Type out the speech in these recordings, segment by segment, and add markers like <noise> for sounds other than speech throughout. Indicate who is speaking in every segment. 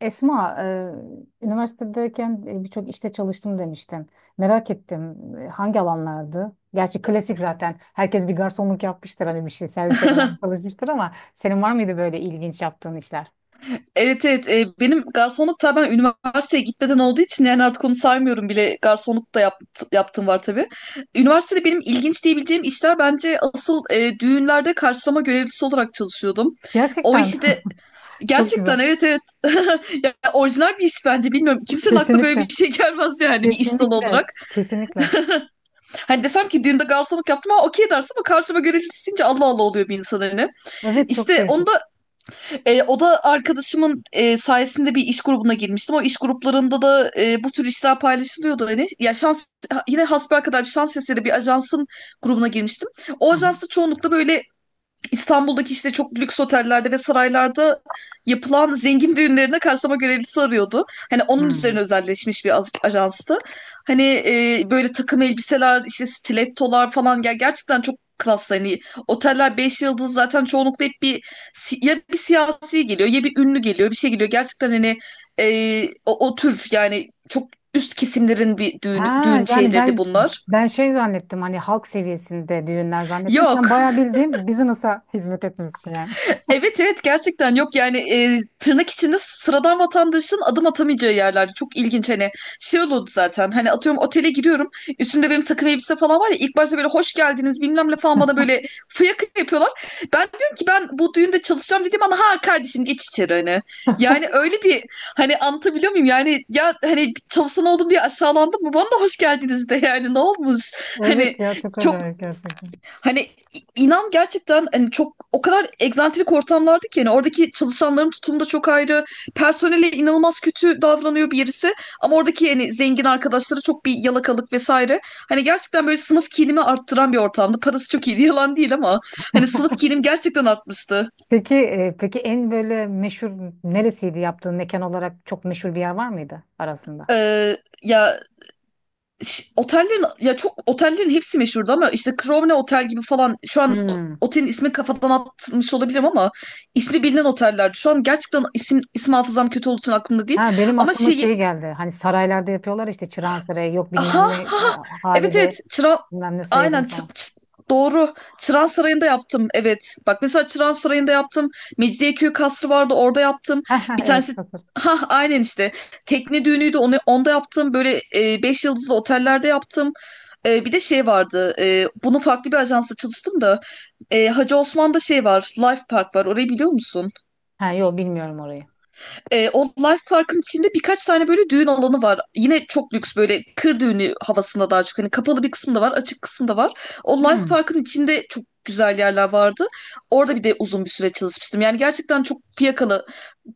Speaker 1: Esma, üniversitedeyken birçok işte çalıştım demiştin. Merak ettim hangi alanlardı? Gerçi klasik zaten. Herkes bir garsonluk yapmıştır, hani bir şey servise falan
Speaker 2: <laughs>
Speaker 1: çalışmıştır, ama senin var mıydı böyle ilginç yaptığın işler?
Speaker 2: Evet, evet, benim garsonluk, tabii ben üniversiteye gitmeden olduğu için yani artık onu saymıyorum bile, garsonluk da yaptığım var tabii. Üniversitede benim ilginç diyebileceğim işler bence asıl düğünlerde karşılama görevlisi olarak çalışıyordum. O
Speaker 1: Gerçekten
Speaker 2: işi
Speaker 1: <laughs>
Speaker 2: de
Speaker 1: çok
Speaker 2: gerçekten,
Speaker 1: güzel.
Speaker 2: evet, evet. <laughs> Ya, orijinal bir iş bence, bilmiyorum kimsenin aklına böyle
Speaker 1: Kesinlikle.
Speaker 2: bir şey <laughs> gelmez yani bir iş dalı
Speaker 1: Kesinlikle.
Speaker 2: olarak.
Speaker 1: Kesinlikle.
Speaker 2: Hani desem ki düğünde garsonluk yaptım ama okey dersin, ama karşıma görevlisi deyince Allah Allah oluyor bir insan hani.
Speaker 1: Evet, çok
Speaker 2: İşte onu
Speaker 1: değişik.
Speaker 2: da... O da arkadaşımın sayesinde bir iş grubuna girmiştim. O iş gruplarında da bu tür işler paylaşılıyordu. Yani, ya şans, yine hasbelkader bir şans eseri bir ajansın grubuna girmiştim. O
Speaker 1: Hı
Speaker 2: ajansta çoğunlukla böyle İstanbul'daki işte çok lüks otellerde ve saraylarda yapılan zengin düğünlerine karşılama görevlisi arıyordu. Hani
Speaker 1: hı.
Speaker 2: onun
Speaker 1: Hı.
Speaker 2: üzerine özelleşmiş bir ajanstı. Hani böyle takım elbiseler, işte stilettolar falan, gel, gerçekten çok klas hani, oteller 5 yıldız zaten çoğunlukla, hep bir ya bir siyasi geliyor, ya bir ünlü geliyor, bir şey geliyor gerçekten hani, o tür yani çok üst kesimlerin bir düğün,
Speaker 1: Ha
Speaker 2: düğün
Speaker 1: yani
Speaker 2: şeyleri de
Speaker 1: ben
Speaker 2: bunlar.
Speaker 1: ben şey zannettim, hani halk seviyesinde düğünler zannettim. Sen
Speaker 2: Yok.
Speaker 1: bayağı bildiğin business'a hizmet etmişsin yani.
Speaker 2: Evet, evet, gerçekten yok yani, tırnak içinde sıradan vatandaşın adım atamayacağı yerler, çok ilginç hani. Şey oldu zaten, hani atıyorum, otele giriyorum, üstümde benim takım elbise falan var ya, ilk başta böyle hoş geldiniz bilmem ne falan bana, böyle fıyaka yapıyorlar. Ben diyorum ki ben bu düğünde çalışacağım dedim, ana ha, kardeşim geç içeri hani. Yani öyle bir... Hani anlatabiliyor muyum yani, ya hani çalışan oldum diye aşağılandım mı, bana da hoş geldiniz de yani, ne olmuş
Speaker 1: Evet
Speaker 2: hani.
Speaker 1: ya, çok
Speaker 2: Çok...
Speaker 1: acayip gerçekten.
Speaker 2: Hani inan gerçekten, hani çok o kadar egzantrik ortamlardı ki yani, oradaki çalışanların tutumu da çok ayrı. Personele inanılmaz kötü davranıyor birisi, ama oradaki yani zengin arkadaşları çok bir yalakalık vesaire. Hani gerçekten böyle sınıf kinimi arttıran bir ortamdı. Parası çok iyiydi <laughs> yalan değil, ama hani sınıf kinim gerçekten artmıştı.
Speaker 1: Peki, en böyle meşhur neresiydi yaptığın mekan olarak? Çok meşhur bir yer var mıydı arasında?
Speaker 2: Ee, ya... Otellerin, ya çok, otellerin hepsi meşhurdu ama işte Crowne Otel gibi falan, şu an
Speaker 1: Hmm.
Speaker 2: otelin ismini kafadan atmış olabilirim ama ismi bilinen otellerdi. Şu an gerçekten isim isim, hafızam kötü olduğu için aklımda değil.
Speaker 1: Ha, benim
Speaker 2: Ama
Speaker 1: aklıma şey
Speaker 2: şeyi...
Speaker 1: geldi. Hani saraylarda yapıyorlar, işte Çırağan Sarayı, yok
Speaker 2: Ha ha.
Speaker 1: bilmem ne,
Speaker 2: Ha. Evet, evet.
Speaker 1: Halide
Speaker 2: Çıran...
Speaker 1: bilmem ne
Speaker 2: Aynen,
Speaker 1: sayılıyor falan. <laughs>
Speaker 2: doğru. Çıran Sarayı'nda yaptım. Evet. Bak, mesela Çıran Sarayı'nda yaptım. Mecidiyeköy Kasrı vardı, orada yaptım.
Speaker 1: Ha, ha,
Speaker 2: Bir
Speaker 1: evet
Speaker 2: tanesi,
Speaker 1: hazır.
Speaker 2: ha aynen işte, tekne düğünüydü, onu onda yaptım. Böyle 5 yıldızlı otellerde yaptım. Bir de şey vardı. Bunun farklı bir ajansla çalıştım da. Hacı Osman'da şey var, Life Park var. Orayı biliyor musun?
Speaker 1: Ha yok, bilmiyorum orayı.
Speaker 2: O Life Park'ın içinde birkaç tane böyle düğün alanı var. Yine çok lüks, böyle kır düğünü havasında daha çok. Hani kapalı bir kısım da var, açık kısım da var. O Life
Speaker 1: Hmm.
Speaker 2: Park'ın içinde çok güzel yerler vardı. Orada bir de uzun bir süre çalışmıştım. Yani gerçekten çok fiyakalı.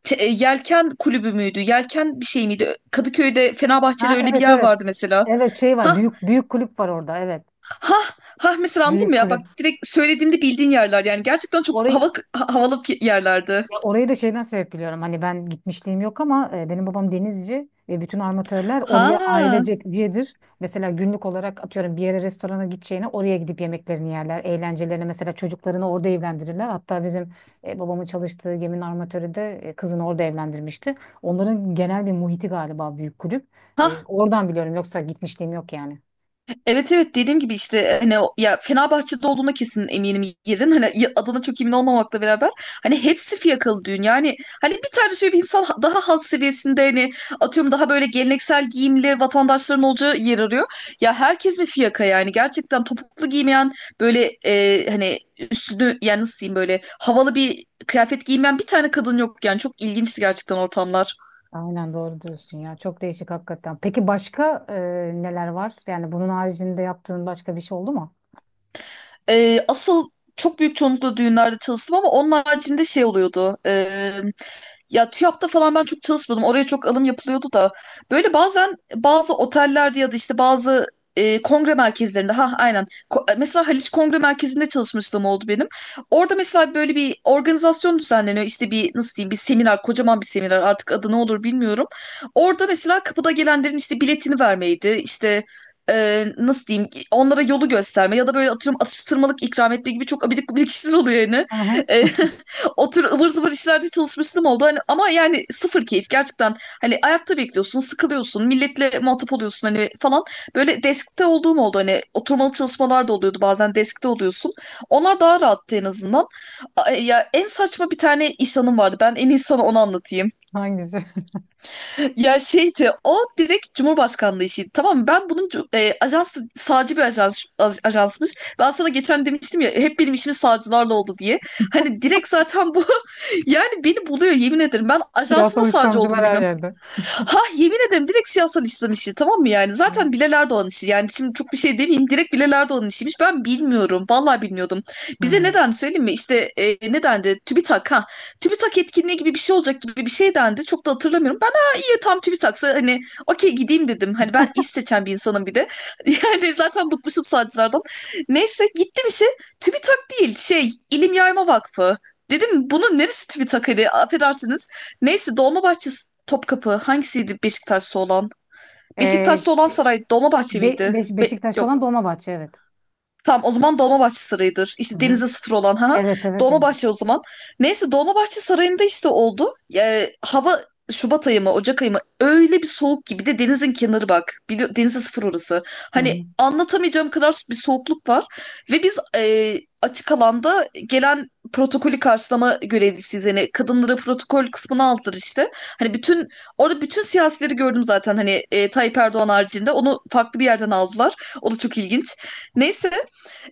Speaker 2: Yelken kulübü müydü? Yelken bir şey miydi? Kadıköy'de, Fenerbahçe'de
Speaker 1: Ha
Speaker 2: öyle bir
Speaker 1: evet
Speaker 2: yer
Speaker 1: evet.
Speaker 2: vardı mesela.
Speaker 1: Evet şey var.
Speaker 2: Ha,
Speaker 1: Büyük kulüp var orada. Evet.
Speaker 2: ha, ha, mesela anladın
Speaker 1: Büyük
Speaker 2: mı ya? Bak,
Speaker 1: kulüp.
Speaker 2: direkt söylediğimde bildiğin yerler yani, gerçekten çok
Speaker 1: Orayı
Speaker 2: hava havalı yerlerdi.
Speaker 1: Ya, orayı da şeyden sebep biliyorum. Hani ben gitmişliğim yok, ama benim babam denizci ve bütün armatörler oraya
Speaker 2: Ha.
Speaker 1: ailecek üyedir. Mesela günlük olarak atıyorum, bir yere restorana gideceğine oraya gidip yemeklerini yerler. Eğlencelerini, mesela çocuklarını orada evlendirirler. Hatta bizim babamın çalıştığı geminin armatörü de kızını orada evlendirmişti. Onların genel bir muhiti galiba büyük kulüp. Oradan biliyorum, yoksa gitmişliğim yok yani.
Speaker 2: Evet, evet, dediğim gibi işte hani ya Fenerbahçe'de olduğuna kesin eminim yerin, hani adına çok emin olmamakla beraber, hani hepsi fiyakalı düğün yani. Hani bir tane şöyle bir insan daha halk seviyesinde, hani atıyorum daha böyle geleneksel giyimli vatandaşların olacağı yer arıyor, ya herkes bir fiyaka yani, gerçekten topuklu giymeyen, böyle hani üstünü yani nasıl diyeyim, böyle havalı bir kıyafet giymeyen bir tane kadın yok yani, çok ilginçti gerçekten ortamlar.
Speaker 1: Aynen, doğru diyorsun ya. Çok değişik hakikaten. Peki başka neler var? Yani bunun haricinde yaptığın başka bir şey oldu mu?
Speaker 2: Asıl çok büyük çoğunlukla düğünlerde çalıştım ama onun haricinde şey oluyordu. Ya TÜYAP'ta falan ben çok çalışmadım, oraya çok alım yapılıyordu da. Böyle bazen bazı otellerde ya da işte bazı kongre merkezlerinde. Ha aynen. Mesela Haliç Kongre Merkezi'nde çalışmışlığım oldu benim. Orada mesela böyle bir organizasyon düzenleniyor. İşte bir nasıl diyeyim, bir seminer, kocaman bir seminer, artık adı ne olur bilmiyorum. Orada mesela kapıda gelenlerin işte biletini vermeydi, İşte nasıl diyeyim ki, onlara yolu gösterme ya da böyle atıyorum atıştırmalık ikram etme gibi çok abidik gubidik işler oluyor yani.
Speaker 1: Hı hı.
Speaker 2: E, <laughs> O tür ıvır zıvır işlerde çalışmıştım oldu. Hani, ama yani sıfır keyif gerçekten. Hani ayakta bekliyorsun, sıkılıyorsun, milletle muhatap oluyorsun hani falan. Böyle deskte olduğum oldu, hani oturmalı çalışmalar da oluyordu, bazen deskte oluyorsun. Onlar daha rahattı en azından. Ya en saçma bir tane iş anım vardı. Ben en iyi sana onu anlatayım.
Speaker 1: Hangisi? <laughs>
Speaker 2: <laughs> Ya şeydi, o direkt Cumhurbaşkanlığı işiydi. Tamam mı? Ben bunun ajans sağcı bir ajans, ajansmış. Ben sana geçen demiştim ya, hep benim işim sağcılarla oldu diye. Hani direkt zaten bu, <laughs> yani, beni buluyor yemin ederim. Ben ajansın da
Speaker 1: Siyasal
Speaker 2: sağcı olduğunu
Speaker 1: İslamcılar her
Speaker 2: bilmiyorum.
Speaker 1: yerde.
Speaker 2: Ha, yemin ederim, direkt siyasal İslam işi tamam mı yani? Zaten Bilal Erdoğan işi yani, şimdi çok bir şey demeyeyim, direkt Bilal Erdoğan işiymiş. Ben bilmiyorum, vallahi bilmiyordum. Bize
Speaker 1: Hmm.
Speaker 2: neden söyleyeyim mi? İşte, ne dendi? TÜBİTAK, ha. TÜBİTAK etkinliği gibi bir şey olacak gibi bir şey dendi. Çok da hatırlamıyorum. Ben, ha, iyi, tam TÜBİTAK'sa hani okey, gideyim dedim. Hani ben iş seçen bir insanım bir de. <laughs> Yani zaten bıkmışım sağcılardan. Neyse, gittim işe. TÜBİTAK değil, şey, İlim Yayma Vakfı. Dedim bunun neresi TÜBİTAK hani, affedersiniz. Neyse, Dolmabahçe, Topkapı, hangisiydi Beşiktaş'ta olan?
Speaker 1: Ee,
Speaker 2: Beşiktaş'ta olan saray Dolmabahçe miydi?
Speaker 1: Beşiktaş'ta
Speaker 2: Yok.
Speaker 1: olan Dolmabahçe, evet.
Speaker 2: Tamam, o zaman Dolmabahçe Sarayı'dır.
Speaker 1: Hı
Speaker 2: İşte
Speaker 1: hı.
Speaker 2: denize sıfır olan, ha.
Speaker 1: Evet evet, Deniz.
Speaker 2: Dolmabahçe o zaman. Neyse Dolmabahçe Sarayı'nda işte oldu. Hava... Şubat ayı mı, Ocak ayı mı, öyle bir soğuk ki, bir de denizin kenarı bak. Denize sıfır orası.
Speaker 1: Hı
Speaker 2: Hani
Speaker 1: hı.
Speaker 2: anlatamayacağım kadar bir soğukluk var. Ve biz, açık alanda gelen protokolü karşılama görevlisiyiz. Yani kadınlara protokol kısmını aldılar işte. Hani bütün, orada bütün siyasileri gördüm zaten hani, Tayyip Erdoğan haricinde, onu farklı bir yerden aldılar. O da çok ilginç. Neyse,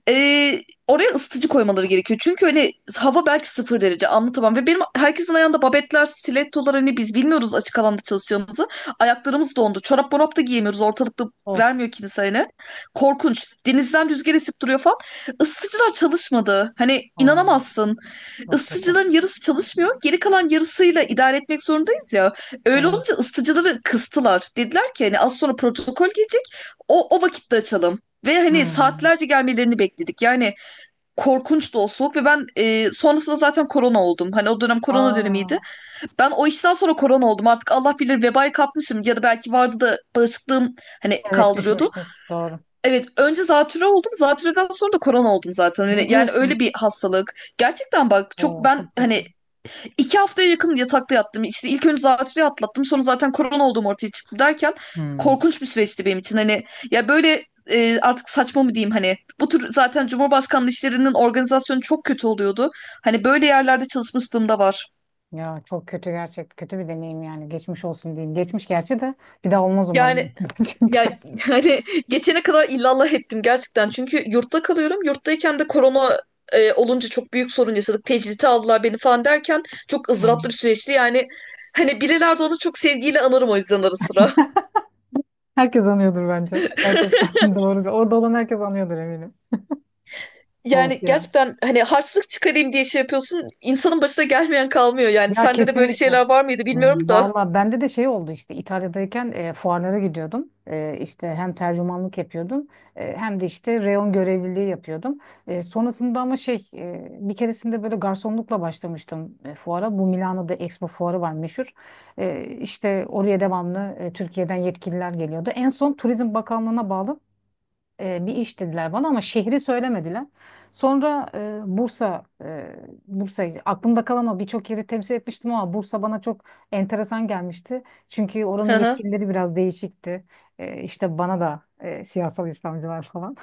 Speaker 2: ee, oraya ısıtıcı koymaları gerekiyor. Çünkü hani hava belki 0 derece, anlatamam. Ve benim herkesin ayağında babetler, stilettolar, hani biz bilmiyoruz açık alanda çalışacağımızı. Ayaklarımız dondu. Çorap morap da giyemiyoruz. Ortalıkta
Speaker 1: Of.
Speaker 2: vermiyor kimse hani. Korkunç. Denizden rüzgar esip duruyor falan. Isıtıcılar çalışmadı. Hani
Speaker 1: Oo,
Speaker 2: inanamazsın,
Speaker 1: çok kötü.
Speaker 2: ısıtıcıların yarısı çalışmıyor, geri kalan yarısıyla idare etmek zorundayız ya. Öyle
Speaker 1: Evet.
Speaker 2: olunca ısıtıcıları kıstılar. Dediler ki hani az sonra protokol gelecek, o vakitte açalım. Ve hani
Speaker 1: Hmm.
Speaker 2: saatlerce gelmelerini bekledik. Yani korkunç da o soğuk, ve ben sonrasında zaten korona oldum. Hani o dönem korona dönemiydi.
Speaker 1: Aa,
Speaker 2: Ben o işten sonra korona oldum. Artık Allah bilir vebayı kapmışım, ya da belki vardı da bağışıklığım hani
Speaker 1: evet
Speaker 2: kaldırıyordu.
Speaker 1: düşmüştür. Doğru.
Speaker 2: Evet, önce zatürre oldum. Zatürreden sonra da korona oldum zaten.
Speaker 1: Ne
Speaker 2: Hani, yani
Speaker 1: diyorsun?
Speaker 2: öyle bir hastalık. Gerçekten bak çok
Speaker 1: Oo,
Speaker 2: ben
Speaker 1: çok kötü.
Speaker 2: hani... 2 haftaya yakın yatakta yattım. İşte ilk önce zatürreyi atlattım, sonra zaten korona olduğum ortaya çıktı derken,
Speaker 1: Hmm.
Speaker 2: korkunç bir süreçti benim için. Hani, ya böyle, artık saçma mı diyeyim hani, bu tür zaten Cumhurbaşkanlığı işlerinin organizasyonu çok kötü oluyordu. Hani böyle yerlerde çalışmışlığım da var.
Speaker 1: Ya çok kötü gerçek. Kötü bir deneyim yani. Geçmiş olsun diyeyim. Geçmiş gerçi, de bir daha olmaz
Speaker 2: Yani,
Speaker 1: umarım. <laughs>
Speaker 2: ya,
Speaker 1: Gerçekten.
Speaker 2: <laughs> hani geçene kadar illallah ettim gerçekten. Çünkü yurtta kalıyorum. Yurttayken de korona olunca çok büyük sorun yaşadık. Tecridi aldılar beni falan derken, çok
Speaker 1: Aa.
Speaker 2: ızdıraplı bir süreçti. Yani hani birilerde onu çok sevgiyle anarım o yüzden ara sıra.
Speaker 1: Herkes anıyordur bence. Gerçekten <laughs> doğru. Orada olan herkes anıyordur eminim. Of
Speaker 2: Yani
Speaker 1: ya.
Speaker 2: gerçekten, hani harçlık çıkarayım diye şey yapıyorsun, insanın başına gelmeyen kalmıyor yani.
Speaker 1: Ya
Speaker 2: Sende de böyle
Speaker 1: kesinlikle.
Speaker 2: şeyler var mıydı bilmiyorum da.
Speaker 1: Valla bende de şey oldu, işte İtalya'dayken fuarlara gidiyordum. İşte hem tercümanlık yapıyordum, hem de işte reyon görevliliği yapıyordum. Sonrasında ama şey, bir keresinde böyle garsonlukla başlamıştım fuara. Bu Milano'da Expo fuarı var, meşhur. İşte oraya devamlı Türkiye'den yetkililer geliyordu. En son Turizm Bakanlığı'na bağlı bir iş dediler bana, ama şehri söylemediler. Sonra Bursa aklımda kalan, o birçok yeri temsil etmiştim ama Bursa bana çok enteresan gelmişti. Çünkü
Speaker 2: Hı
Speaker 1: oranın
Speaker 2: hı.
Speaker 1: yetkilileri biraz değişikti. İşte bana da siyasal İslamcılar falan.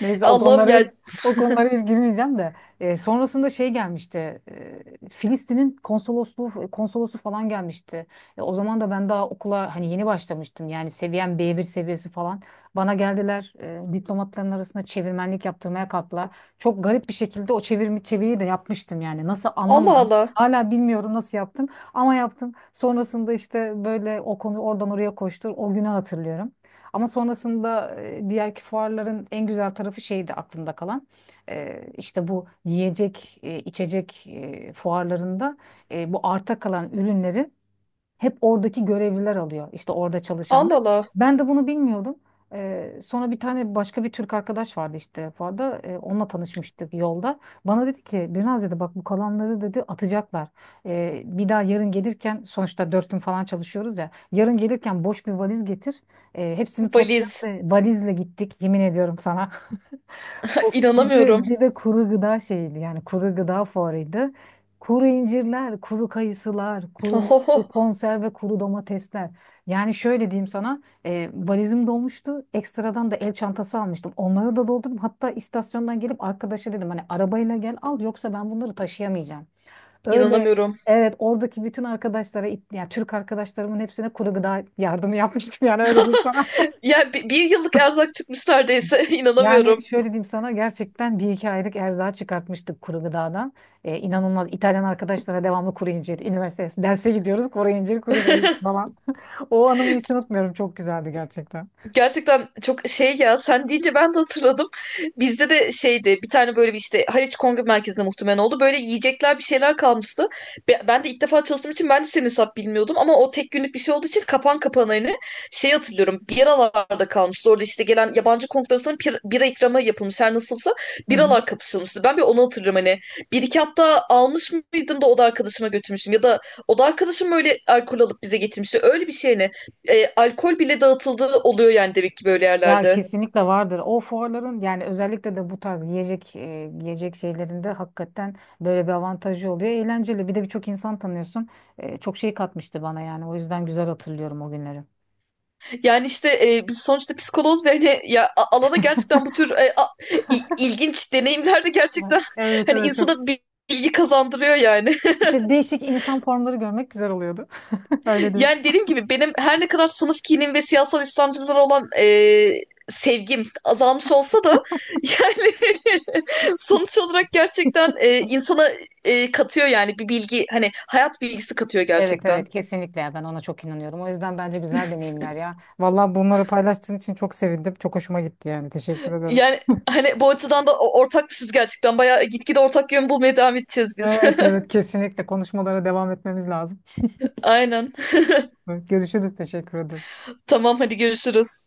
Speaker 1: Neyse,
Speaker 2: Allah'ım ya.
Speaker 1: o konulara hiç girmeyeceğim de. Sonrasında şey gelmişti, Filistin'in konsolosluğu konsolosu falan gelmişti. O zaman da ben daha okula hani yeni başlamıştım, yani seviyem B1 seviyesi falan. Bana geldiler, diplomatların arasında çevirmenlik yaptırmaya kalktılar. Çok garip bir şekilde o çeviriyi de yapmıştım, yani nasıl
Speaker 2: Allah
Speaker 1: anlamadım.
Speaker 2: Allah.
Speaker 1: Hala bilmiyorum nasıl yaptım ama yaptım. Sonrasında işte böyle, o konu oradan oraya koştur. O günü hatırlıyorum. Ama sonrasında diğerki fuarların en güzel tarafı şeydi aklımda kalan. İşte bu yiyecek, içecek fuarlarında bu arta kalan ürünlerin hep oradaki görevliler alıyor, işte orada
Speaker 2: Allah
Speaker 1: çalışanlar.
Speaker 2: Allah.
Speaker 1: Ben de bunu bilmiyordum. Sonra bir tane başka bir Türk arkadaş vardı işte Fuar'da. Onunla tanışmıştık yolda. Bana dedi ki, "Birnaz," dedi, "bak bu kalanları," dedi, "atacaklar. Bir daha yarın gelirken, sonuçta dört gün falan çalışıyoruz ya, yarın gelirken boş bir valiz getir. Hepsini topla."
Speaker 2: Valiz.
Speaker 1: Ve valizle gittik, yemin ediyorum sana.
Speaker 2: <laughs>
Speaker 1: Bir
Speaker 2: İnanamıyorum.
Speaker 1: de, bir de kuru gıda şeydi, yani kuru gıda fuarıydı. Kuru incirler, kuru kayısılar, mutlu
Speaker 2: Ohoho.
Speaker 1: konserve, kuru domatesler. Yani şöyle diyeyim sana, valizim dolmuştu. Ekstradan da el çantası almıştım. Onları da doldurdum. Hatta istasyondan gelip arkadaşa dedim, hani arabayla gel al, yoksa ben bunları taşıyamayacağım. Öyle,
Speaker 2: İnanamıyorum.
Speaker 1: evet, oradaki bütün arkadaşlara, yani Türk arkadaşlarımın hepsine kuru gıda yardımı yapmıştım, yani öyle diyeyim sana.
Speaker 2: <laughs> Ya, bir yıllık erzak çıkmış neredeyse. <laughs>
Speaker 1: Yani
Speaker 2: İnanamıyorum.
Speaker 1: şöyle diyeyim sana, gerçekten bir iki aylık erzağı çıkartmıştık kuru gıdadan. İnanılmaz İtalyan arkadaşlara devamlı kuru incir, <laughs> üniversitesi, derse gidiyoruz kuru incir, kuru gıda falan. <laughs> O anımı hiç unutmuyorum, çok güzeldi gerçekten.
Speaker 2: Gerçekten çok şey ya, sen deyince ben de hatırladım. Bizde de şeydi, bir tane böyle bir işte Haliç Kongre Merkezi'nde muhtemelen oldu. Böyle yiyecekler, bir şeyler kalmıştı. Ben de ilk defa çalıştığım için, ben de senin hesap bilmiyordum. Ama o tek günlük bir şey olduğu için kapan kapana hani, şey hatırlıyorum, biralarda kalmıştı. Orada işte gelen yabancı konuk arasında bira ikramı yapılmış her nasılsa.
Speaker 1: Hı hı.
Speaker 2: Biralar kapışılmıştı. Ben bir onu hatırlıyorum hani. Bir iki hatta almış mıydım da oda arkadaşıma götürmüşüm. Ya da oda arkadaşım öyle alkol alıp bize getirmişti. Öyle bir şey ne? Alkol bile dağıtıldığı oluyor yani, demek ki böyle
Speaker 1: Ya
Speaker 2: yerlerde.
Speaker 1: kesinlikle vardır. O fuarların, yani özellikle de bu tarz yiyecek, yiyecek şeylerinde hakikaten böyle bir avantajı oluyor. Eğlenceli. Bir de birçok insan tanıyorsun. Çok şey katmıştı bana yani. O yüzden güzel hatırlıyorum o günleri.
Speaker 2: Yani işte, biz sonuçta psikoloz ve hani, ya alana gerçekten, bu tür ilginç deneyimler de gerçekten <laughs>
Speaker 1: Evet
Speaker 2: hani
Speaker 1: evet, çok.
Speaker 2: insana bir bilgi kazandırıyor yani. <laughs>
Speaker 1: İşte değişik insan formları görmek güzel oluyordu. <laughs> Öyle değil.
Speaker 2: Yani dediğim gibi benim, her ne kadar sınıf kinim ve siyasal İslamcılara olan sevgim azalmış olsa da, <laughs> yani, <laughs> sonuç olarak gerçekten insana katıyor yani, bir bilgi, hani, hayat bilgisi katıyor
Speaker 1: Evet
Speaker 2: gerçekten.
Speaker 1: evet, kesinlikle ya, ben ona çok inanıyorum. O yüzden bence güzel deneyimler ya. Vallahi bunları paylaştığın için çok sevindim. Çok hoşuma gitti yani. Teşekkür ederim.
Speaker 2: Yani hani bu açıdan da ortakmışız gerçekten. Bayağı gitgide ortak yön bulmaya devam edeceğiz biz.
Speaker 1: Evet evet, kesinlikle, konuşmalara devam etmemiz lazım.
Speaker 2: <laughs> Aynen.
Speaker 1: Evet, görüşürüz. Teşekkür ederim.
Speaker 2: Tamam, hadi görüşürüz.